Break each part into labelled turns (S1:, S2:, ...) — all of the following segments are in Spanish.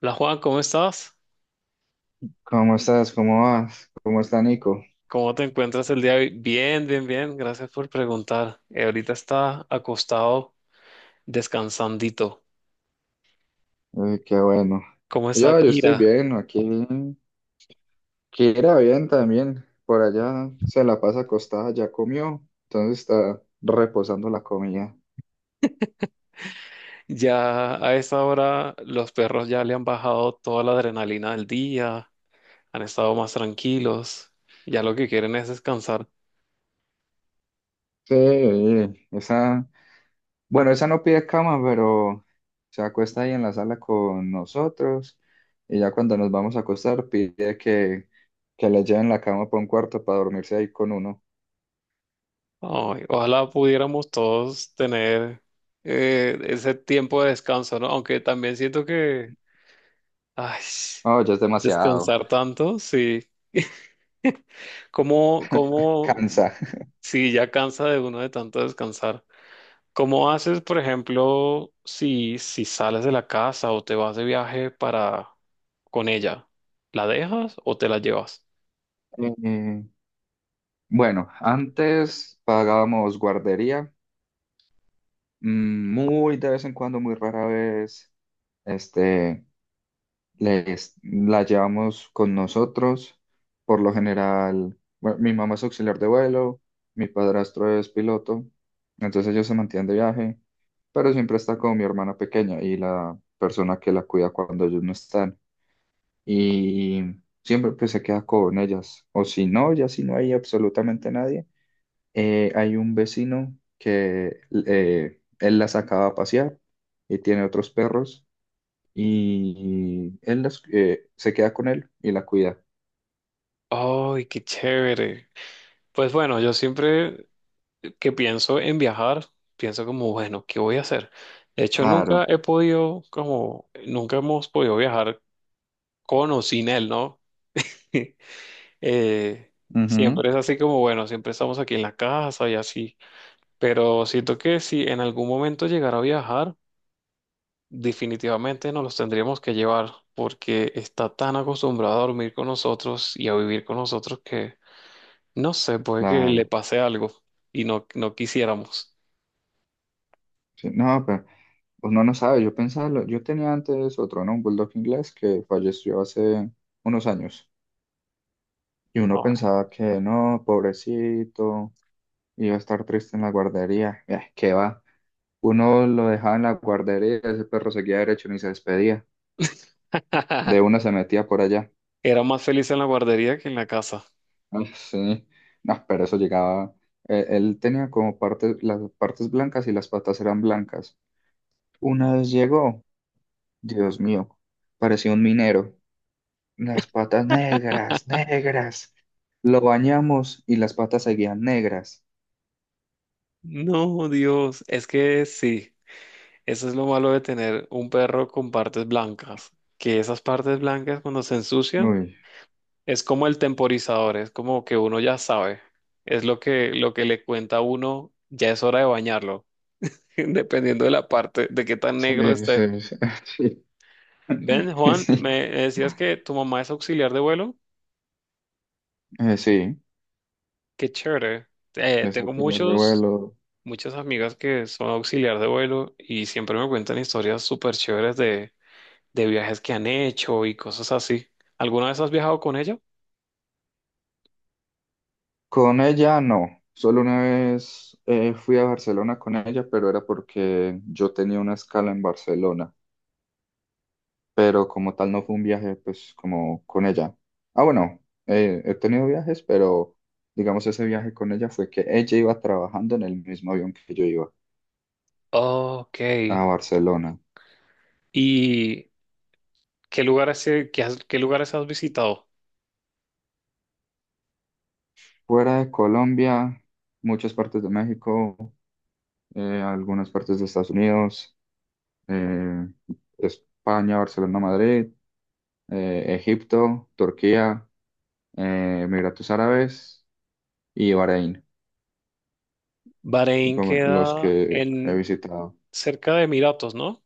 S1: Hola Juan, ¿cómo estás?
S2: ¿Cómo estás? ¿Cómo vas? ¿Cómo está Nico?
S1: ¿Cómo te encuentras el día de hoy? Bien, bien, bien. Gracias por preguntar. Ahorita está acostado descansandito.
S2: Qué bueno.
S1: ¿Cómo está
S2: Yo estoy
S1: Kira?
S2: bien, aquí. Kira bien también. Por allá se la pasa acostada, ya comió, entonces está reposando la comida.
S1: Ya a esta hora los perros ya le han bajado toda la adrenalina del día, han estado más tranquilos. Ya lo que quieren es descansar.
S2: Sí, esa, bueno, esa no pide cama, pero se acuesta ahí en la sala con nosotros y ya cuando nos vamos a acostar pide que le lleven la cama para un cuarto para dormirse ahí con uno.
S1: Ay, ojalá pudiéramos todos tener ese tiempo de descanso, ¿no? Aunque también siento que, ay,
S2: Oh, ya es demasiado,
S1: descansar tanto, sí. ¿Cómo, cómo,
S2: cansa.
S1: si ya cansa de uno de tanto descansar, cómo haces, por ejemplo, si sales de la casa o te vas de viaje para con ella? ¿La dejas o te la llevas?
S2: Eh, Bueno, antes pagábamos guardería, muy de vez en cuando, muy rara vez, este, la llevamos con nosotros. Por lo general, bueno, mi mamá es auxiliar de vuelo, mi padrastro es piloto, entonces ellos se mantienen de viaje, pero siempre está con mi hermana pequeña y la persona que la cuida cuando ellos no están. Y siempre pues se queda con ellas, o si no, ya si no hay absolutamente nadie, hay un vecino que él la sacaba a pasear y tiene otros perros y él se queda con él y la cuida.
S1: ¡Ay, qué chévere! Pues bueno, yo siempre que pienso en viajar, pienso como, bueno, ¿qué voy a hacer? De hecho, nunca
S2: Claro.
S1: he podido, como, nunca hemos podido viajar con o sin él, ¿no? Eh,
S2: Ujú.
S1: Siempre es así como, bueno, siempre estamos aquí en la casa y así, pero siento que si en algún momento llegara a viajar, definitivamente nos los tendríamos que llevar porque está tan acostumbrado a dormir con nosotros y a vivir con nosotros que, no sé, puede que le
S2: Claro.
S1: pase algo y no, no quisiéramos.
S2: Sí, no, pero pues, uno no sabe. Yo pensaba, yo tenía antes otro, ¿no? Un bulldog inglés que falleció hace unos años y uno
S1: Ay.
S2: pensaba que no, pobrecito, iba a estar triste en la guardería. ¿Qué va? Uno lo dejaba en la guardería, ese perro seguía derecho ni se despedía. De una se metía por allá.
S1: Era más feliz en la guardería que en la casa.
S2: Ay, sí. No, pero eso llegaba. Él tenía como partes, las partes blancas y las patas eran blancas. Una vez llegó, Dios mío, parecía un minero. Las patas negras, negras. Lo bañamos y las patas seguían negras.
S1: No, Dios, es que sí. Eso es lo malo de tener un perro con partes blancas, que esas partes blancas cuando se ensucian
S2: Uy,
S1: es como el temporizador, es como que uno ya sabe, es lo que le cuenta a uno, ya es hora de bañarlo, dependiendo de la parte, de qué tan negro
S2: sí,
S1: esté.
S2: sí, sí.
S1: Ven,
S2: Sí,
S1: Juan,
S2: sí,
S1: me decías que tu mamá es auxiliar de vuelo,
S2: Sí.
S1: qué chévere. Tengo
S2: Desauxiliar de
S1: muchos,
S2: vuelo.
S1: muchas amigas que son auxiliar de vuelo y siempre me cuentan historias súper chéveres de viajes que han hecho y cosas así. ¿Alguna vez has viajado con ella?
S2: Con ella no, solo una vez fui a Barcelona con ella, pero era porque yo tenía una escala en Barcelona, pero como tal no fue un viaje pues como con ella. Ah, bueno, he tenido viajes, pero digamos ese viaje con ella fue que ella iba trabajando en el mismo avión que yo iba
S1: Ok.
S2: a Barcelona.
S1: ¿Y qué lugares, qué lugares has visitado?
S2: Fuera de Colombia, muchas partes de México, algunas partes de Estados Unidos, eh, España, Barcelona, Madrid, Egipto, Turquía. Emiratos Árabes y Bahrein,
S1: Bahrein
S2: como los
S1: queda
S2: que he
S1: en
S2: visitado.
S1: cerca de Emiratos, ¿no?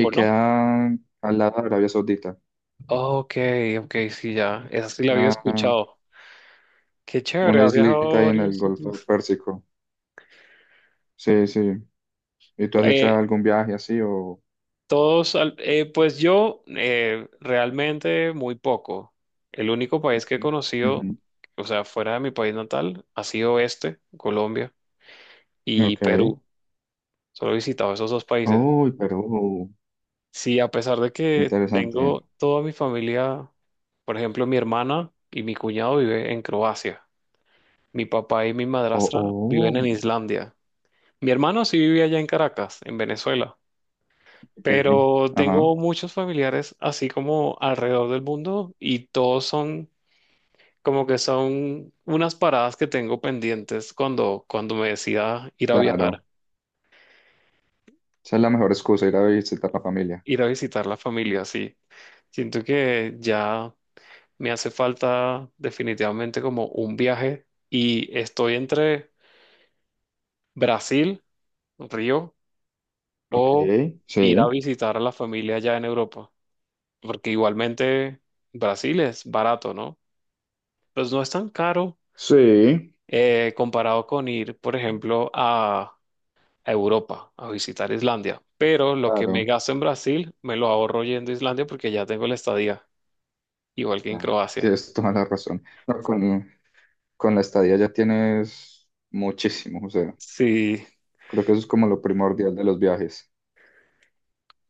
S1: ¿O no?
S2: queda al lado de Arabia Saudita,
S1: Ok, ok, sí, ya. Esa sí la había
S2: una,
S1: escuchado. Qué chévere,
S2: una
S1: has
S2: islita
S1: viajado a
S2: ahí en
S1: varios
S2: el Golfo
S1: sitios.
S2: Pérsico. Sí, sí. ¿Y tú has hecho
S1: Eh,
S2: algún viaje así o?
S1: pues yo realmente muy poco. El único país que he conocido,
S2: Ujú.
S1: o sea, fuera de mi país natal, ha sido este, Colombia, y
S2: Ok.
S1: Perú. Solo he visitado esos dos países.
S2: Uy, Perú,
S1: Sí, a pesar de
S2: qué
S1: que
S2: interesante.
S1: tengo toda mi familia, por ejemplo, mi hermana y mi cuñado vive en Croacia. Mi papá y mi
S2: Oh,
S1: madrastra viven en
S2: oh,
S1: Islandia. Mi hermano sí vivía allá en Caracas, en Venezuela.
S2: ok.
S1: Pero
S2: Ajá,
S1: tengo muchos familiares así como alrededor del mundo y todos son como que son unas paradas que tengo pendientes cuando, cuando me decida ir a viajar.
S2: claro. Esa es la mejor excusa, ir a visitar a la familia.
S1: Ir a visitar la familia, sí. Siento que ya me hace falta definitivamente como un viaje y estoy entre Brasil, Río,
S2: Ok,
S1: o ir a
S2: sí.
S1: visitar a la familia allá en Europa, porque igualmente Brasil es barato, ¿no? Pues no es tan caro
S2: Sí,
S1: comparado con ir, por ejemplo, a Europa, a visitar Islandia, pero lo que me
S2: claro.
S1: gasto en Brasil me lo ahorro yendo a Islandia porque ya tengo la estadía, igual que en
S2: Claro,
S1: Croacia.
S2: tienes toda la razón. No, con la estadía ya tienes muchísimo, o sea,
S1: Sí,
S2: creo que eso es como lo primordial de los viajes.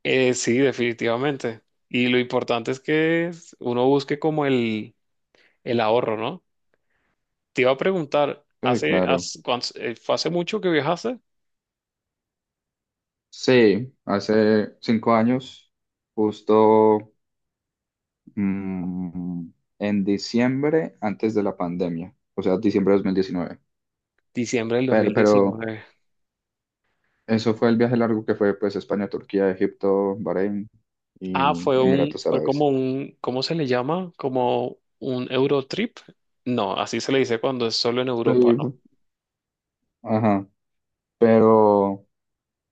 S1: sí, definitivamente. Y lo importante es uno busque como el ahorro, ¿no? Te iba a preguntar,
S2: Sí,
S1: ¿hace,
S2: claro.
S1: hace, cuántos- eh, fue hace mucho que viajaste?
S2: Sí, hace 5 años, justo mm, en diciembre, antes de la pandemia, o sea, diciembre de 2019.
S1: Diciembre del dos
S2: Pero,
S1: mil
S2: pero
S1: diecinueve.
S2: eso fue el viaje largo que fue, pues, España, Turquía, Egipto, Bahrein
S1: Ah,
S2: y Emiratos
S1: fue como
S2: Árabes.
S1: un, ¿cómo se le llama? Como un Eurotrip. No, así se le dice cuando es solo en
S2: Sí,
S1: Europa, ¿no?
S2: ajá, pero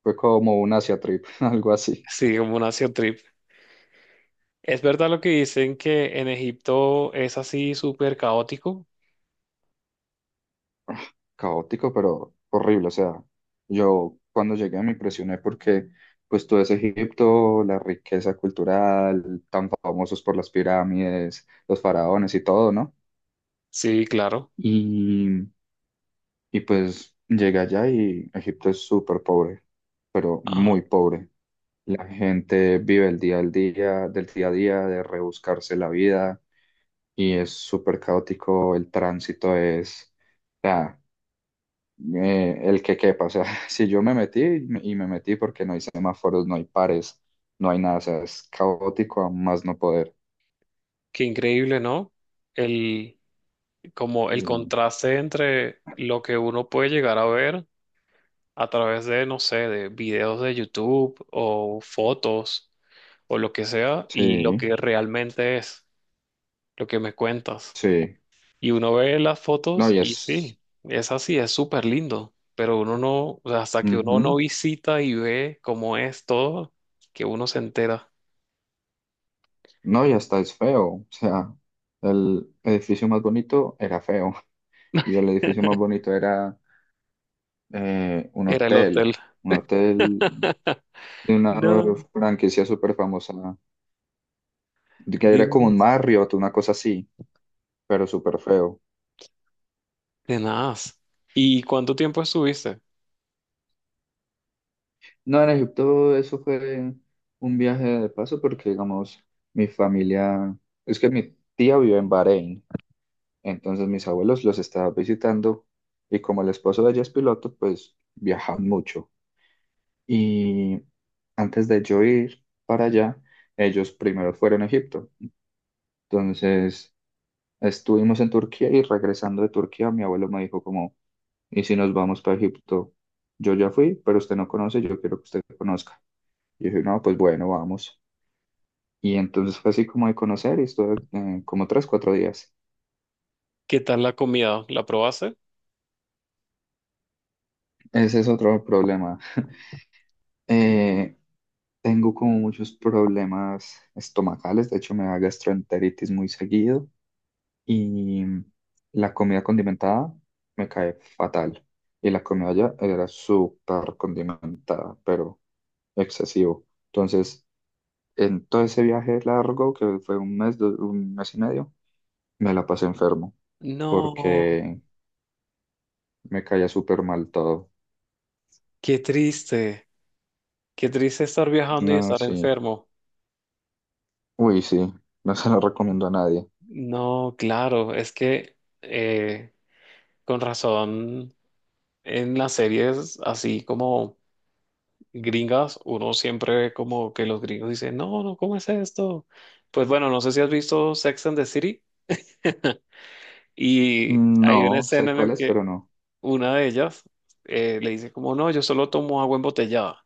S2: fue como un Asia trip, algo así.
S1: Sí, como un Asia Trip. ¿Es verdad lo que dicen que en Egipto es así súper caótico?
S2: Caótico, pero horrible. O sea, yo cuando llegué me impresioné porque pues todo ese Egipto, la riqueza cultural, tan famosos por las pirámides, los faraones y todo, ¿no?
S1: Sí, claro.
S2: Y, y pues llegué allá y Egipto es súper pobre, pero muy pobre. La gente vive el día al día, del día a día, de rebuscarse la vida y es súper caótico. El tránsito es, sea, el que quepa. O sea, si yo me metí, y me metí porque no hay semáforos, no hay pares, no hay nada. O sea, es caótico a más no poder.
S1: Qué increíble, ¿no? El, Como el
S2: Y,
S1: contraste entre lo que uno puede llegar a ver a través de, no sé, de videos de YouTube o fotos o lo que sea y lo
S2: sí,
S1: que realmente es, lo que me cuentas.
S2: sí.
S1: Y uno ve las
S2: No,
S1: fotos
S2: y
S1: y
S2: es.
S1: sí, es así, es súper lindo, pero uno no, o sea, hasta que uno no
S2: Ujú.
S1: visita y ve cómo es todo, que uno se entera.
S2: No, y hasta es feo. O sea, el edificio más bonito era feo. Y el edificio más bonito era un
S1: Era el
S2: hotel.
S1: hotel.
S2: Un hotel de una
S1: No,
S2: franquicia súper famosa. Que era como un
S1: Dios.
S2: Marriott, una cosa así, pero súper feo.
S1: De nada. ¿Y cuánto tiempo estuviste?
S2: No, en Egipto eso fue un viaje de paso porque, digamos, mi familia, es que mi tía vive en Bahrein, entonces mis abuelos los estaba visitando y como el esposo de ella es piloto, pues viajan mucho. Y antes de yo ir para allá, ellos primero fueron a Egipto. Entonces estuvimos en Turquía y regresando de Turquía, mi abuelo me dijo como, ¿y si nos vamos para Egipto? Yo ya fui, pero usted no conoce, yo quiero que usted conozca. Y dije, no, pues bueno, vamos. Y entonces fue así como de conocer y estuve como 3, 4 días.
S1: ¿Qué tal la comida? ¿La probaste?
S2: Ese es otro problema. Eh, Tengo como muchos problemas estomacales, de hecho me da gastroenteritis muy seguido y la comida condimentada me cae fatal. Y la comida allá era súper condimentada, pero excesivo. Entonces, en todo ese viaje largo, que fue un mes, un mes y medio, me la pasé enfermo
S1: No,
S2: porque me caía súper mal todo.
S1: qué triste. Qué triste estar viajando y
S2: No,
S1: estar
S2: sí.
S1: enfermo.
S2: Uy, sí. No se lo recomiendo a nadie.
S1: No, claro, es que eh, con razón en las series así como gringas, uno siempre ve como que los gringos dicen, no, no, ¿cómo es esto? Pues bueno, no sé si has visto Sex and the City y hay una
S2: No, sé
S1: escena en
S2: cuál
S1: la
S2: es, pero
S1: que
S2: no.
S1: una de ellas le dice como, no, yo solo tomo agua embotellada.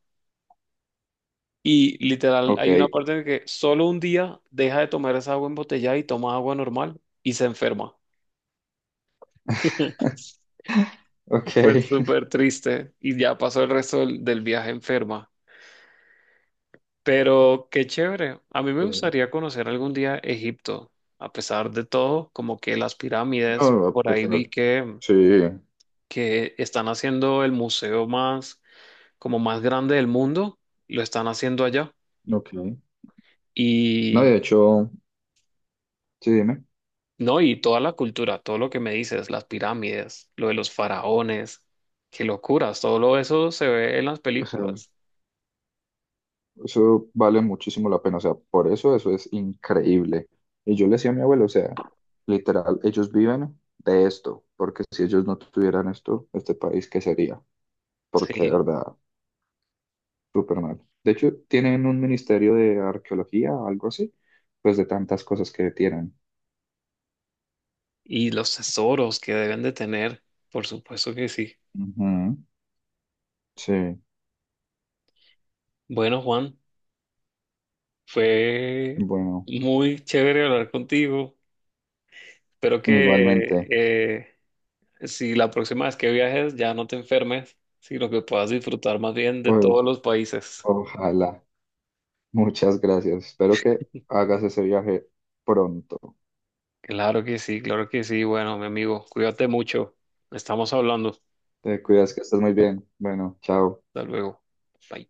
S1: Y literal,
S2: Ok,
S1: hay una parte en que solo un día deja de tomar esa agua embotellada y toma agua normal y se enferma.
S2: ok.
S1: Fue súper triste y ya pasó el resto del viaje enferma. Pero qué chévere. A mí me
S2: Sí.
S1: gustaría conocer algún día Egipto. A pesar de todo, como que las pirámides,
S2: No,
S1: por
S2: pues,
S1: ahí
S2: a pesar.
S1: vi
S2: Sí,
S1: que están haciendo el museo más, como más grande del mundo, lo están haciendo allá.
S2: ok. No,
S1: Y
S2: de hecho, sí, dime.
S1: no, y toda la cultura, todo lo que me dices, las pirámides, lo de los faraones, qué locuras, todo lo eso se ve en las
S2: O sea,
S1: películas.
S2: eso vale muchísimo la pena. O sea, por eso es increíble. Y yo le decía a mi abuelo, o sea, literal, ellos viven de esto, porque si ellos no tuvieran esto, este país, ¿qué sería? Porque de
S1: Sí,
S2: verdad. Súper mal. De hecho, tienen un ministerio de arqueología o algo así, pues de tantas cosas que tienen.
S1: y los tesoros que deben de tener, por supuesto que sí.
S2: Ujú, sí,
S1: Bueno, Juan, fue
S2: bueno,
S1: muy chévere hablar contigo. Espero que
S2: igualmente.
S1: si la próxima vez que viajes ya no te enfermes, sino que puedas disfrutar más bien de todos
S2: Uy,
S1: los países.
S2: ojalá. Muchas gracias. Espero que hagas ese viaje pronto.
S1: Claro que sí, claro que sí. Bueno, mi amigo, cuídate mucho. Estamos hablando.
S2: Te cuidas, que estés muy bien. Bueno, chao.
S1: Hasta luego. Bye.